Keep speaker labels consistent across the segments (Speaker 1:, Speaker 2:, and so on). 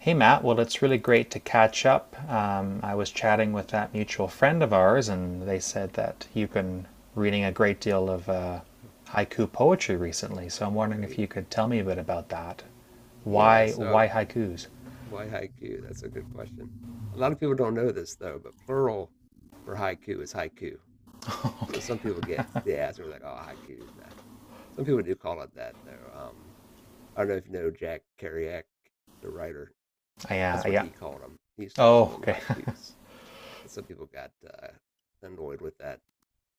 Speaker 1: Hey, Matt. Well, it's really great to catch up. I was chatting with that mutual friend of ours, and they said that you've been reading a great deal of
Speaker 2: Oh,
Speaker 1: haiku poetry recently. So I'm wondering if
Speaker 2: great.
Speaker 1: you could tell me a bit about that.
Speaker 2: Yeah,
Speaker 1: Why,
Speaker 2: so
Speaker 1: why haikus?
Speaker 2: why haiku? That's a good question. A lot of people don't know this though, but plural for haiku is haiku. So
Speaker 1: Okay.
Speaker 2: some people get the ask me like, "Oh, haikus." Nah. Some people do call it that though. I don't know if you know Jack Kerouac, the writer. That's
Speaker 1: Yeah,
Speaker 2: what
Speaker 1: yeah.
Speaker 2: he called them. He used to always
Speaker 1: Oh,
Speaker 2: call them
Speaker 1: okay.
Speaker 2: haikus, but some people got annoyed with that.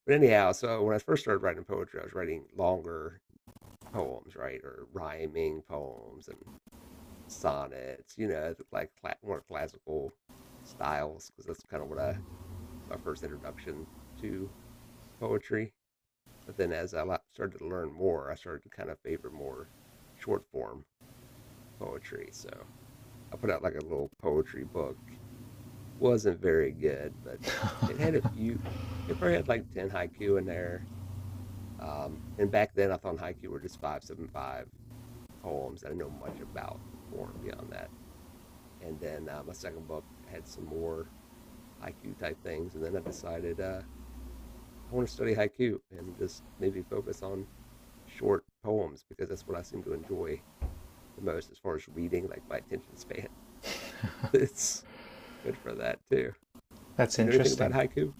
Speaker 2: But anyhow, so when I first started writing poetry, I was writing longer poems, right, or rhyming poems and sonnets. You know, like more classical styles, because that's kind of what I my first introduction to poetry. But then as I started to learn more, I started to kind of favor more short form poetry. So I put out like a little poetry book. Wasn't very good, but it had a few it probably had like 10 haiku in there. And back then I found haiku were just 575 poems. I didn't know much about the form beyond that. And then my second book had some more haiku type things. And then I decided I want to study haiku and just maybe focus on short poems because that's what I seem to enjoy the most as far as reading, like my attention span. It's good for that too. Do
Speaker 1: That's
Speaker 2: you know anything about
Speaker 1: interesting.
Speaker 2: haiku?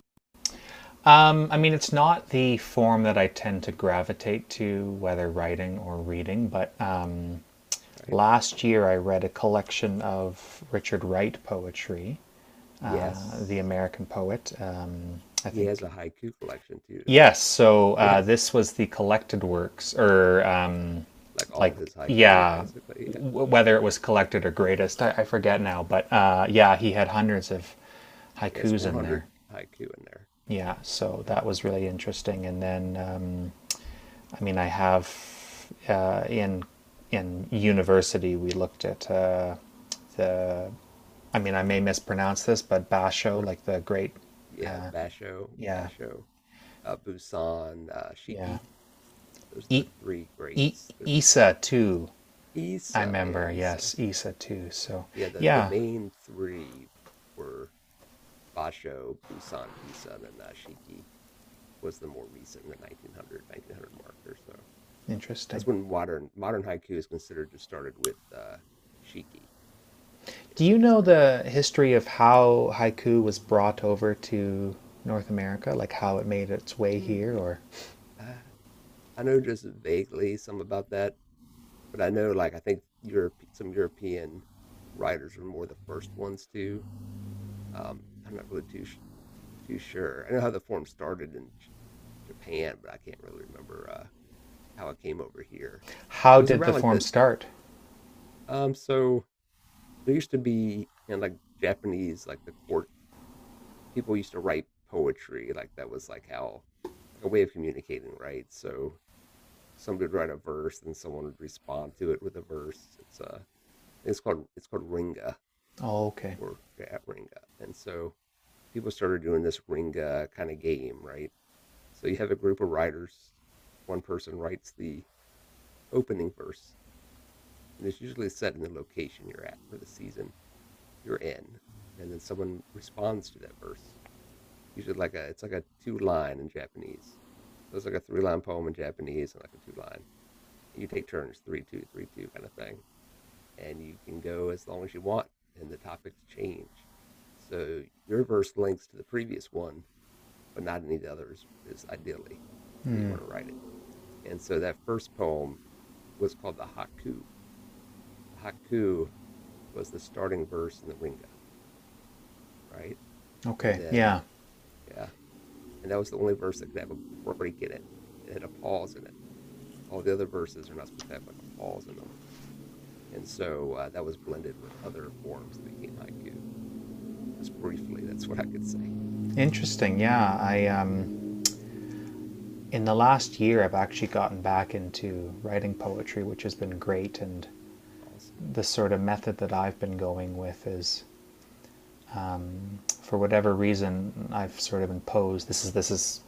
Speaker 1: I mean, it's not the form that I tend to gravitate to, whether writing or reading, but
Speaker 2: Right?
Speaker 1: last year I read a collection of Richard Wright poetry, the
Speaker 2: Yes.
Speaker 1: American poet. I
Speaker 2: He has
Speaker 1: think
Speaker 2: a haiku collection too.
Speaker 1: yes. So
Speaker 2: Yes,
Speaker 1: this was the collected works, or
Speaker 2: like all
Speaker 1: like
Speaker 2: his haiku,
Speaker 1: yeah,
Speaker 2: basically. Yeah,
Speaker 1: whether it was collected or greatest, I forget now. But yeah, he had hundreds of
Speaker 2: yeah, it's
Speaker 1: haikus in there.
Speaker 2: 400 haiku in there.
Speaker 1: Yeah, so
Speaker 2: Yeah,
Speaker 1: that was really interesting. And then I mean, I have uh, in in university we looked at the. I mean, I may mispronounce this, but Basho,
Speaker 2: right.
Speaker 1: like the great.
Speaker 2: Yeah,
Speaker 1: Uh,
Speaker 2: Basho,
Speaker 1: yeah,
Speaker 2: Basho, Busan,
Speaker 1: yeah.
Speaker 2: Shiki. Those are the
Speaker 1: E-
Speaker 2: three
Speaker 1: E-
Speaker 2: greats. The
Speaker 1: Issa too. I remember,
Speaker 2: Issa.
Speaker 1: yes, Isa too. So
Speaker 2: Yeah, the
Speaker 1: yeah,
Speaker 2: main three were Basho, Busan, and Issa, and then Shiki was the more recent in the nineteen hundred nineteen hundred 1900 mark or so.
Speaker 1: interesting.
Speaker 2: That's when modern haiku is considered to started with Shiki
Speaker 1: Do
Speaker 2: is
Speaker 1: you know
Speaker 2: considered.
Speaker 1: the history of how haiku was brought over to North America? Like how it made its way
Speaker 2: Mm,
Speaker 1: here,
Speaker 2: ye
Speaker 1: or
Speaker 2: uh, I know just vaguely some about that, but I know, like, I think Europe some European writers were more the first ones to. Um, I'm not really too sure. I know how the form started in J Japan, but I can't really remember, how it came over here. It
Speaker 1: how
Speaker 2: was
Speaker 1: did the
Speaker 2: around like
Speaker 1: form
Speaker 2: the
Speaker 1: start?
Speaker 2: so there used to be in, like, Japanese, like, the court people used to write poetry, like, that was, like, how like, a way of communicating, right? So somebody would write a verse and someone would respond to it with a verse. It's it's called Ringa
Speaker 1: Oh, okay,
Speaker 2: or at Ringa. And so people started doing this Ringa kind of game, right? So you have a group of writers. One person writes the opening verse, and it's usually set in the location you're at or the season you're in, and then someone responds to that verse. Usually, like a it's like a two line in Japanese. So it's like a three line poem in Japanese and like a two line. And you take turns, 3-2, 3-2 kind of thing, and you can go as long as you want, and the topics change. So your verse links to the previous one, but not any of the others, is ideally how you want to write it. And so that first poem was called the haiku. The haiku was the starting verse in the Ringa, right? And
Speaker 1: okay,
Speaker 2: then,
Speaker 1: yeah,
Speaker 2: yeah, and that was the only verse that could have a break in it. It had a pause in it. All the other verses are not supposed to have like a pause in them. And so that was blended with other forms and became haiku. Just briefly, that's what I could say.
Speaker 1: interesting. Yeah, I in the last year I've actually gotten back into writing poetry, which has been great, and
Speaker 2: Awesome.
Speaker 1: the sort of method that I've been going with is for whatever reason, I've sort of imposed, this is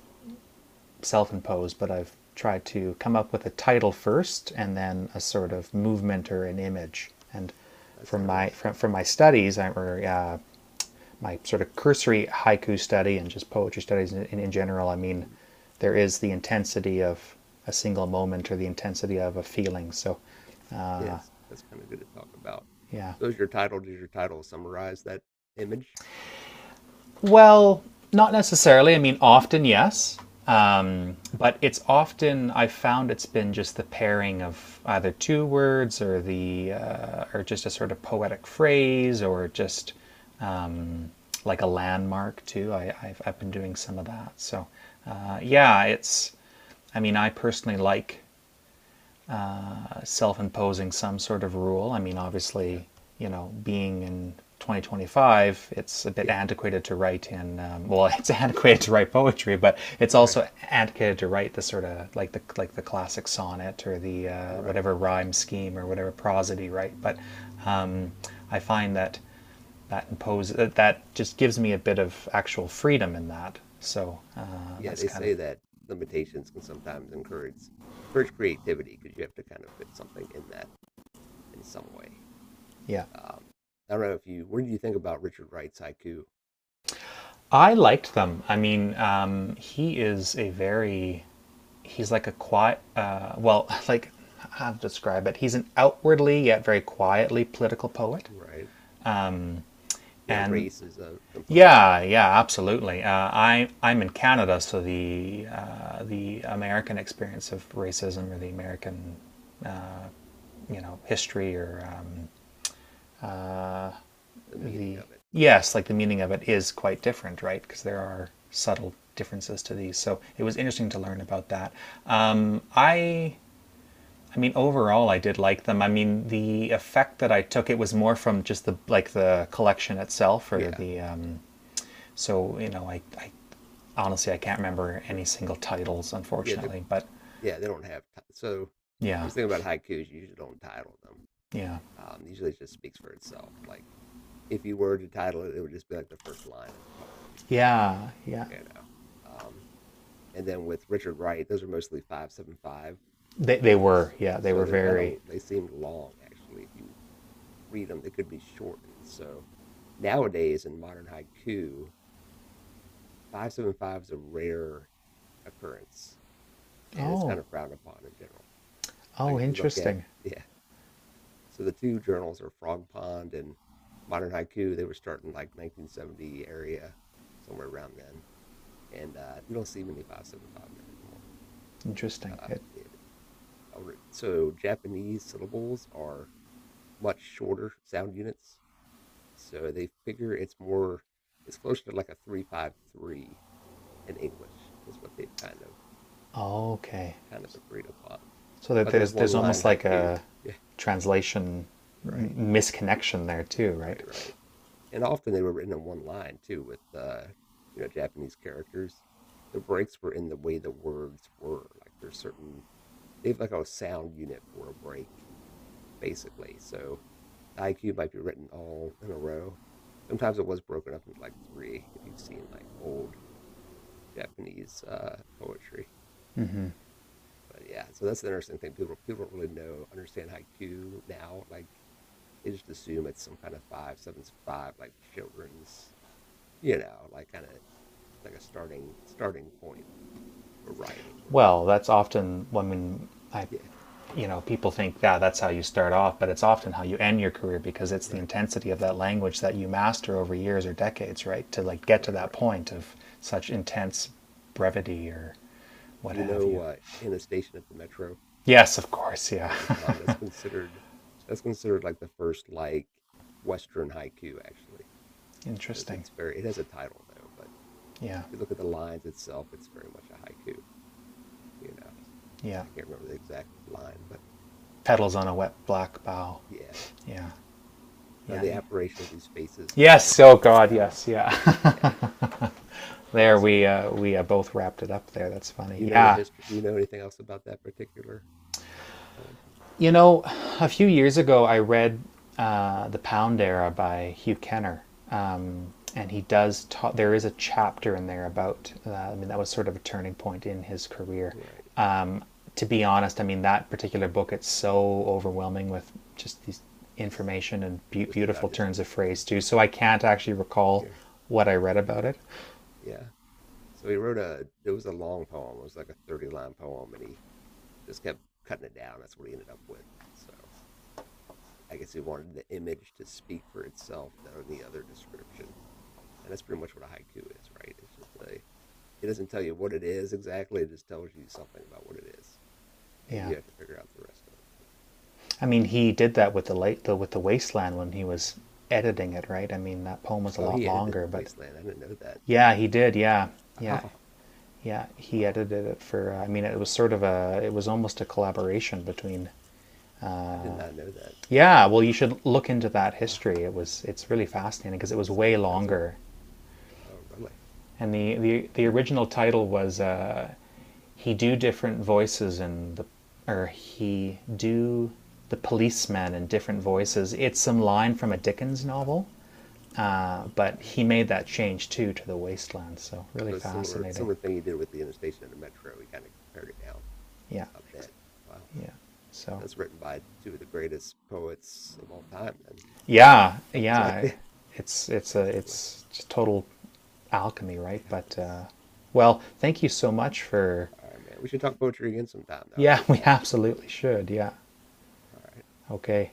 Speaker 1: self-imposed, but I've tried to come up with a title first and then a sort
Speaker 2: Ah,
Speaker 1: of movement or an image. And
Speaker 2: that's
Speaker 1: from my from,
Speaker 2: interesting.
Speaker 1: from my studies, I, or my sort of cursory haiku study and just poetry studies in general, I mean,
Speaker 2: Hmm.
Speaker 1: there is the intensity of a single moment or the intensity of a feeling. So,
Speaker 2: Yeah, that's kind of good to talk about.
Speaker 1: yeah.
Speaker 2: So, is your title? Does your title summarize that image?
Speaker 1: Well, not necessarily. I mean, often yes, but
Speaker 2: Okay.
Speaker 1: it's often I've found it's been just the pairing of either two words or the or just a sort of poetic phrase or just um, like a landmark too. I've been doing
Speaker 2: Okay.
Speaker 1: some of that. So yeah, it's. I mean, I personally like self-imposing some sort of rule. I mean,
Speaker 2: Yeah.
Speaker 1: obviously, you know, being in 2025, it's a bit
Speaker 2: Yeah.
Speaker 1: antiquated to write in. Well, it's antiquated to write poetry, but it's
Speaker 2: Right.
Speaker 1: also antiquated to write the sort of like the classic sonnet or the
Speaker 2: Right.
Speaker 1: whatever rhyme scheme or whatever prosody, right? But um, I find that that imposes that, just gives me a bit of actual freedom in that. So
Speaker 2: Yeah.
Speaker 1: that's
Speaker 2: They
Speaker 1: kind of
Speaker 2: say that limitations can sometimes encourage creativity because you have to kind of fit something in some way.
Speaker 1: yeah.
Speaker 2: Um, I don't know if you. What do you think about Richard Wright's haiku?
Speaker 1: I liked them. I mean, he is a very he's like a quiet, well, like how to describe it? He's an outwardly yet very quietly political poet.
Speaker 2: Right.
Speaker 1: Um,
Speaker 2: Yeah.
Speaker 1: and
Speaker 2: Race is a component. A
Speaker 1: yeah,
Speaker 2: lot of them.
Speaker 1: yeah,
Speaker 2: Yeah.
Speaker 1: absolutely. I'm in Canada, so the American experience of racism or the American, you know, history or uh,
Speaker 2: The meaning
Speaker 1: the
Speaker 2: of it. Yeah.
Speaker 1: yes, like the meaning of it is quite different, right? Because there are subtle differences to these. So it was interesting to learn
Speaker 2: Right.
Speaker 1: about that. Um, I I mean, overall, I did like them. I mean, the effect that I took it was more from just the like the collection itself, or
Speaker 2: Yeah.
Speaker 1: the so you know, I honestly I can't remember
Speaker 2: Sure.
Speaker 1: any single titles,
Speaker 2: Yeah. The
Speaker 1: unfortunately. But
Speaker 2: Yeah, they don't have so.
Speaker 1: yeah,
Speaker 2: There's the thing about haikus; you usually don't title them.
Speaker 1: yeah.
Speaker 2: Usually, it just speaks for itself. Like, if you were to title it, it would just be like the first line of the poem, usually.
Speaker 1: Yeah, yeah.
Speaker 2: You know, um, and then with Richard Wright, those are mostly 5-7-5,
Speaker 1: They were, yeah, they
Speaker 2: so
Speaker 1: were
Speaker 2: they're kind
Speaker 1: very.
Speaker 2: of they seem long actually. If you read them, they could be shortened. So nowadays in modern haiku, 5-7-5 is a rare occurrence, and it's kind
Speaker 1: Oh,
Speaker 2: of frowned upon in general. Like
Speaker 1: oh,
Speaker 2: if you look at
Speaker 1: interesting,
Speaker 2: Yeah. So the two journals are Frog Pond and Modern Haiku. They were starting like 1970 area, somewhere around then. And you don't see many 575 in that anymore.
Speaker 1: interesting.
Speaker 2: Uh,
Speaker 1: It,
Speaker 2: it- so Japanese syllables are much shorter sound units. So they figure it's closer to like a 353 in English is what they've kind of
Speaker 1: okay.
Speaker 2: kind of agreed upon.
Speaker 1: So that
Speaker 2: But there's
Speaker 1: there's
Speaker 2: one
Speaker 1: there's almost
Speaker 2: line
Speaker 1: like
Speaker 2: haiku.
Speaker 1: a
Speaker 2: Yeah,
Speaker 1: translation
Speaker 2: right,
Speaker 1: misconnection there too, right?
Speaker 2: right, right. And often they were written in one line too with Japanese characters. The breaks were in the way the words were, like there's certain they have like a sound unit for a break basically. So the iq might be written all in a row. Sometimes it was broken up into like three if you've seen like old Japanese poetry. But yeah, so that's the interesting thing. People don't really know understand haiku now, like they just assume it's some kind of 5-7-5, like children's, you know, like kind of like a starting point for riding or
Speaker 1: Well, that's often when I,
Speaker 2: yeah.
Speaker 1: you know, people think, yeah, that's how you start off, but it's often how you end your career because it's the
Speaker 2: Right,
Speaker 1: intensity of that language that you master over years or decades, right? To like get to
Speaker 2: right,
Speaker 1: that
Speaker 2: right.
Speaker 1: point of such intense brevity or what
Speaker 2: You
Speaker 1: have
Speaker 2: know,
Speaker 1: you.
Speaker 2: in a station at the metro,
Speaker 1: Yes, of course, yeah.
Speaker 2: as your pond, that's considered like the first like western haiku actually, because
Speaker 1: Interesting.
Speaker 2: it has a title though. But
Speaker 1: Yeah,
Speaker 2: if you look at the lines itself, it's very much a haiku, you know.
Speaker 1: yeah.
Speaker 2: I can't remember the exact line, but
Speaker 1: Petals on a wet black bough.
Speaker 2: yeah.
Speaker 1: Yeah, yeah,
Speaker 2: The
Speaker 1: yeah.
Speaker 2: apparition of these faces
Speaker 1: Yes, oh
Speaker 2: in a
Speaker 1: God,
Speaker 2: crowd.
Speaker 1: yes, yeah.
Speaker 2: Yeah.
Speaker 1: There
Speaker 2: Yes, yeah.
Speaker 1: we both wrapped it up there. That's funny. Yeah.
Speaker 2: Do you know anything else about that particular poem?
Speaker 1: You know, a few years ago, I read The Pound Era by Hugh Kenner, and he does ta there is a chapter in there about. I mean, that was sort of a turning point in his career.
Speaker 2: Right,
Speaker 1: Um, to be honest, I mean that particular book. It's so overwhelming with just these information and
Speaker 2: just
Speaker 1: beautiful
Speaker 2: about his
Speaker 1: turns of
Speaker 2: uh,
Speaker 1: phrase too. So I can't actually recall
Speaker 2: here.
Speaker 1: what I read about it.
Speaker 2: Yeah. So he wrote a. It was a long poem. It was like a 30-line poem, and he just kept cutting it down. That's what he ended up with. So I guess he wanted the image to speak for itself than any other description, and that's pretty much what a haiku is, right? It's just a. It doesn't tell you what it is exactly. It just tells you something about what it is, and
Speaker 1: Yeah,
Speaker 2: you have to figure out the rest of it. But,
Speaker 1: I mean he did that with the Wasteland when he was editing it, right? I mean that poem was a
Speaker 2: oh,
Speaker 1: lot
Speaker 2: he edited
Speaker 1: longer,
Speaker 2: the
Speaker 1: but
Speaker 2: Wasteland. I didn't know that.
Speaker 1: yeah, he did. Yeah, yeah,
Speaker 2: Oh,
Speaker 1: yeah. He
Speaker 2: wow.
Speaker 1: edited it for. I mean, it was sort of a. It was almost a collaboration between.
Speaker 2: I did not know that.
Speaker 1: Yeah, well, you should look into that
Speaker 2: Wow.
Speaker 1: history. It was. It's really fascinating because it was
Speaker 2: So
Speaker 1: way
Speaker 2: that's a
Speaker 1: longer.
Speaker 2: oh, really.
Speaker 1: And the original title was he do different voices in the or he do the policeman in different voices. It's some line from a Dickens
Speaker 2: Wow.
Speaker 1: novel, but
Speaker 2: Okay.
Speaker 1: he made that change too to the wasteland. So really
Speaker 2: So similar
Speaker 1: fascinating.
Speaker 2: similar thing you did with the Interstation and the Metro, we kind of pared it down
Speaker 1: Yeah,
Speaker 2: a bit. Wow.
Speaker 1: yeah.
Speaker 2: So
Speaker 1: So.
Speaker 2: that's written by two of the greatest poets of all time. Then,
Speaker 1: Yeah,
Speaker 2: well, is that
Speaker 1: yeah.
Speaker 2: yeah,
Speaker 1: It's it's a
Speaker 2: basically?
Speaker 1: it's just total alchemy, right?
Speaker 2: Yeah.
Speaker 1: But
Speaker 2: That's
Speaker 1: well, thank you so much for.
Speaker 2: all right, man. We should talk poetry again sometime, though.
Speaker 1: Yeah, we
Speaker 2: I've enjoyed it.
Speaker 1: absolutely should. Yeah.
Speaker 2: All right.
Speaker 1: Okay.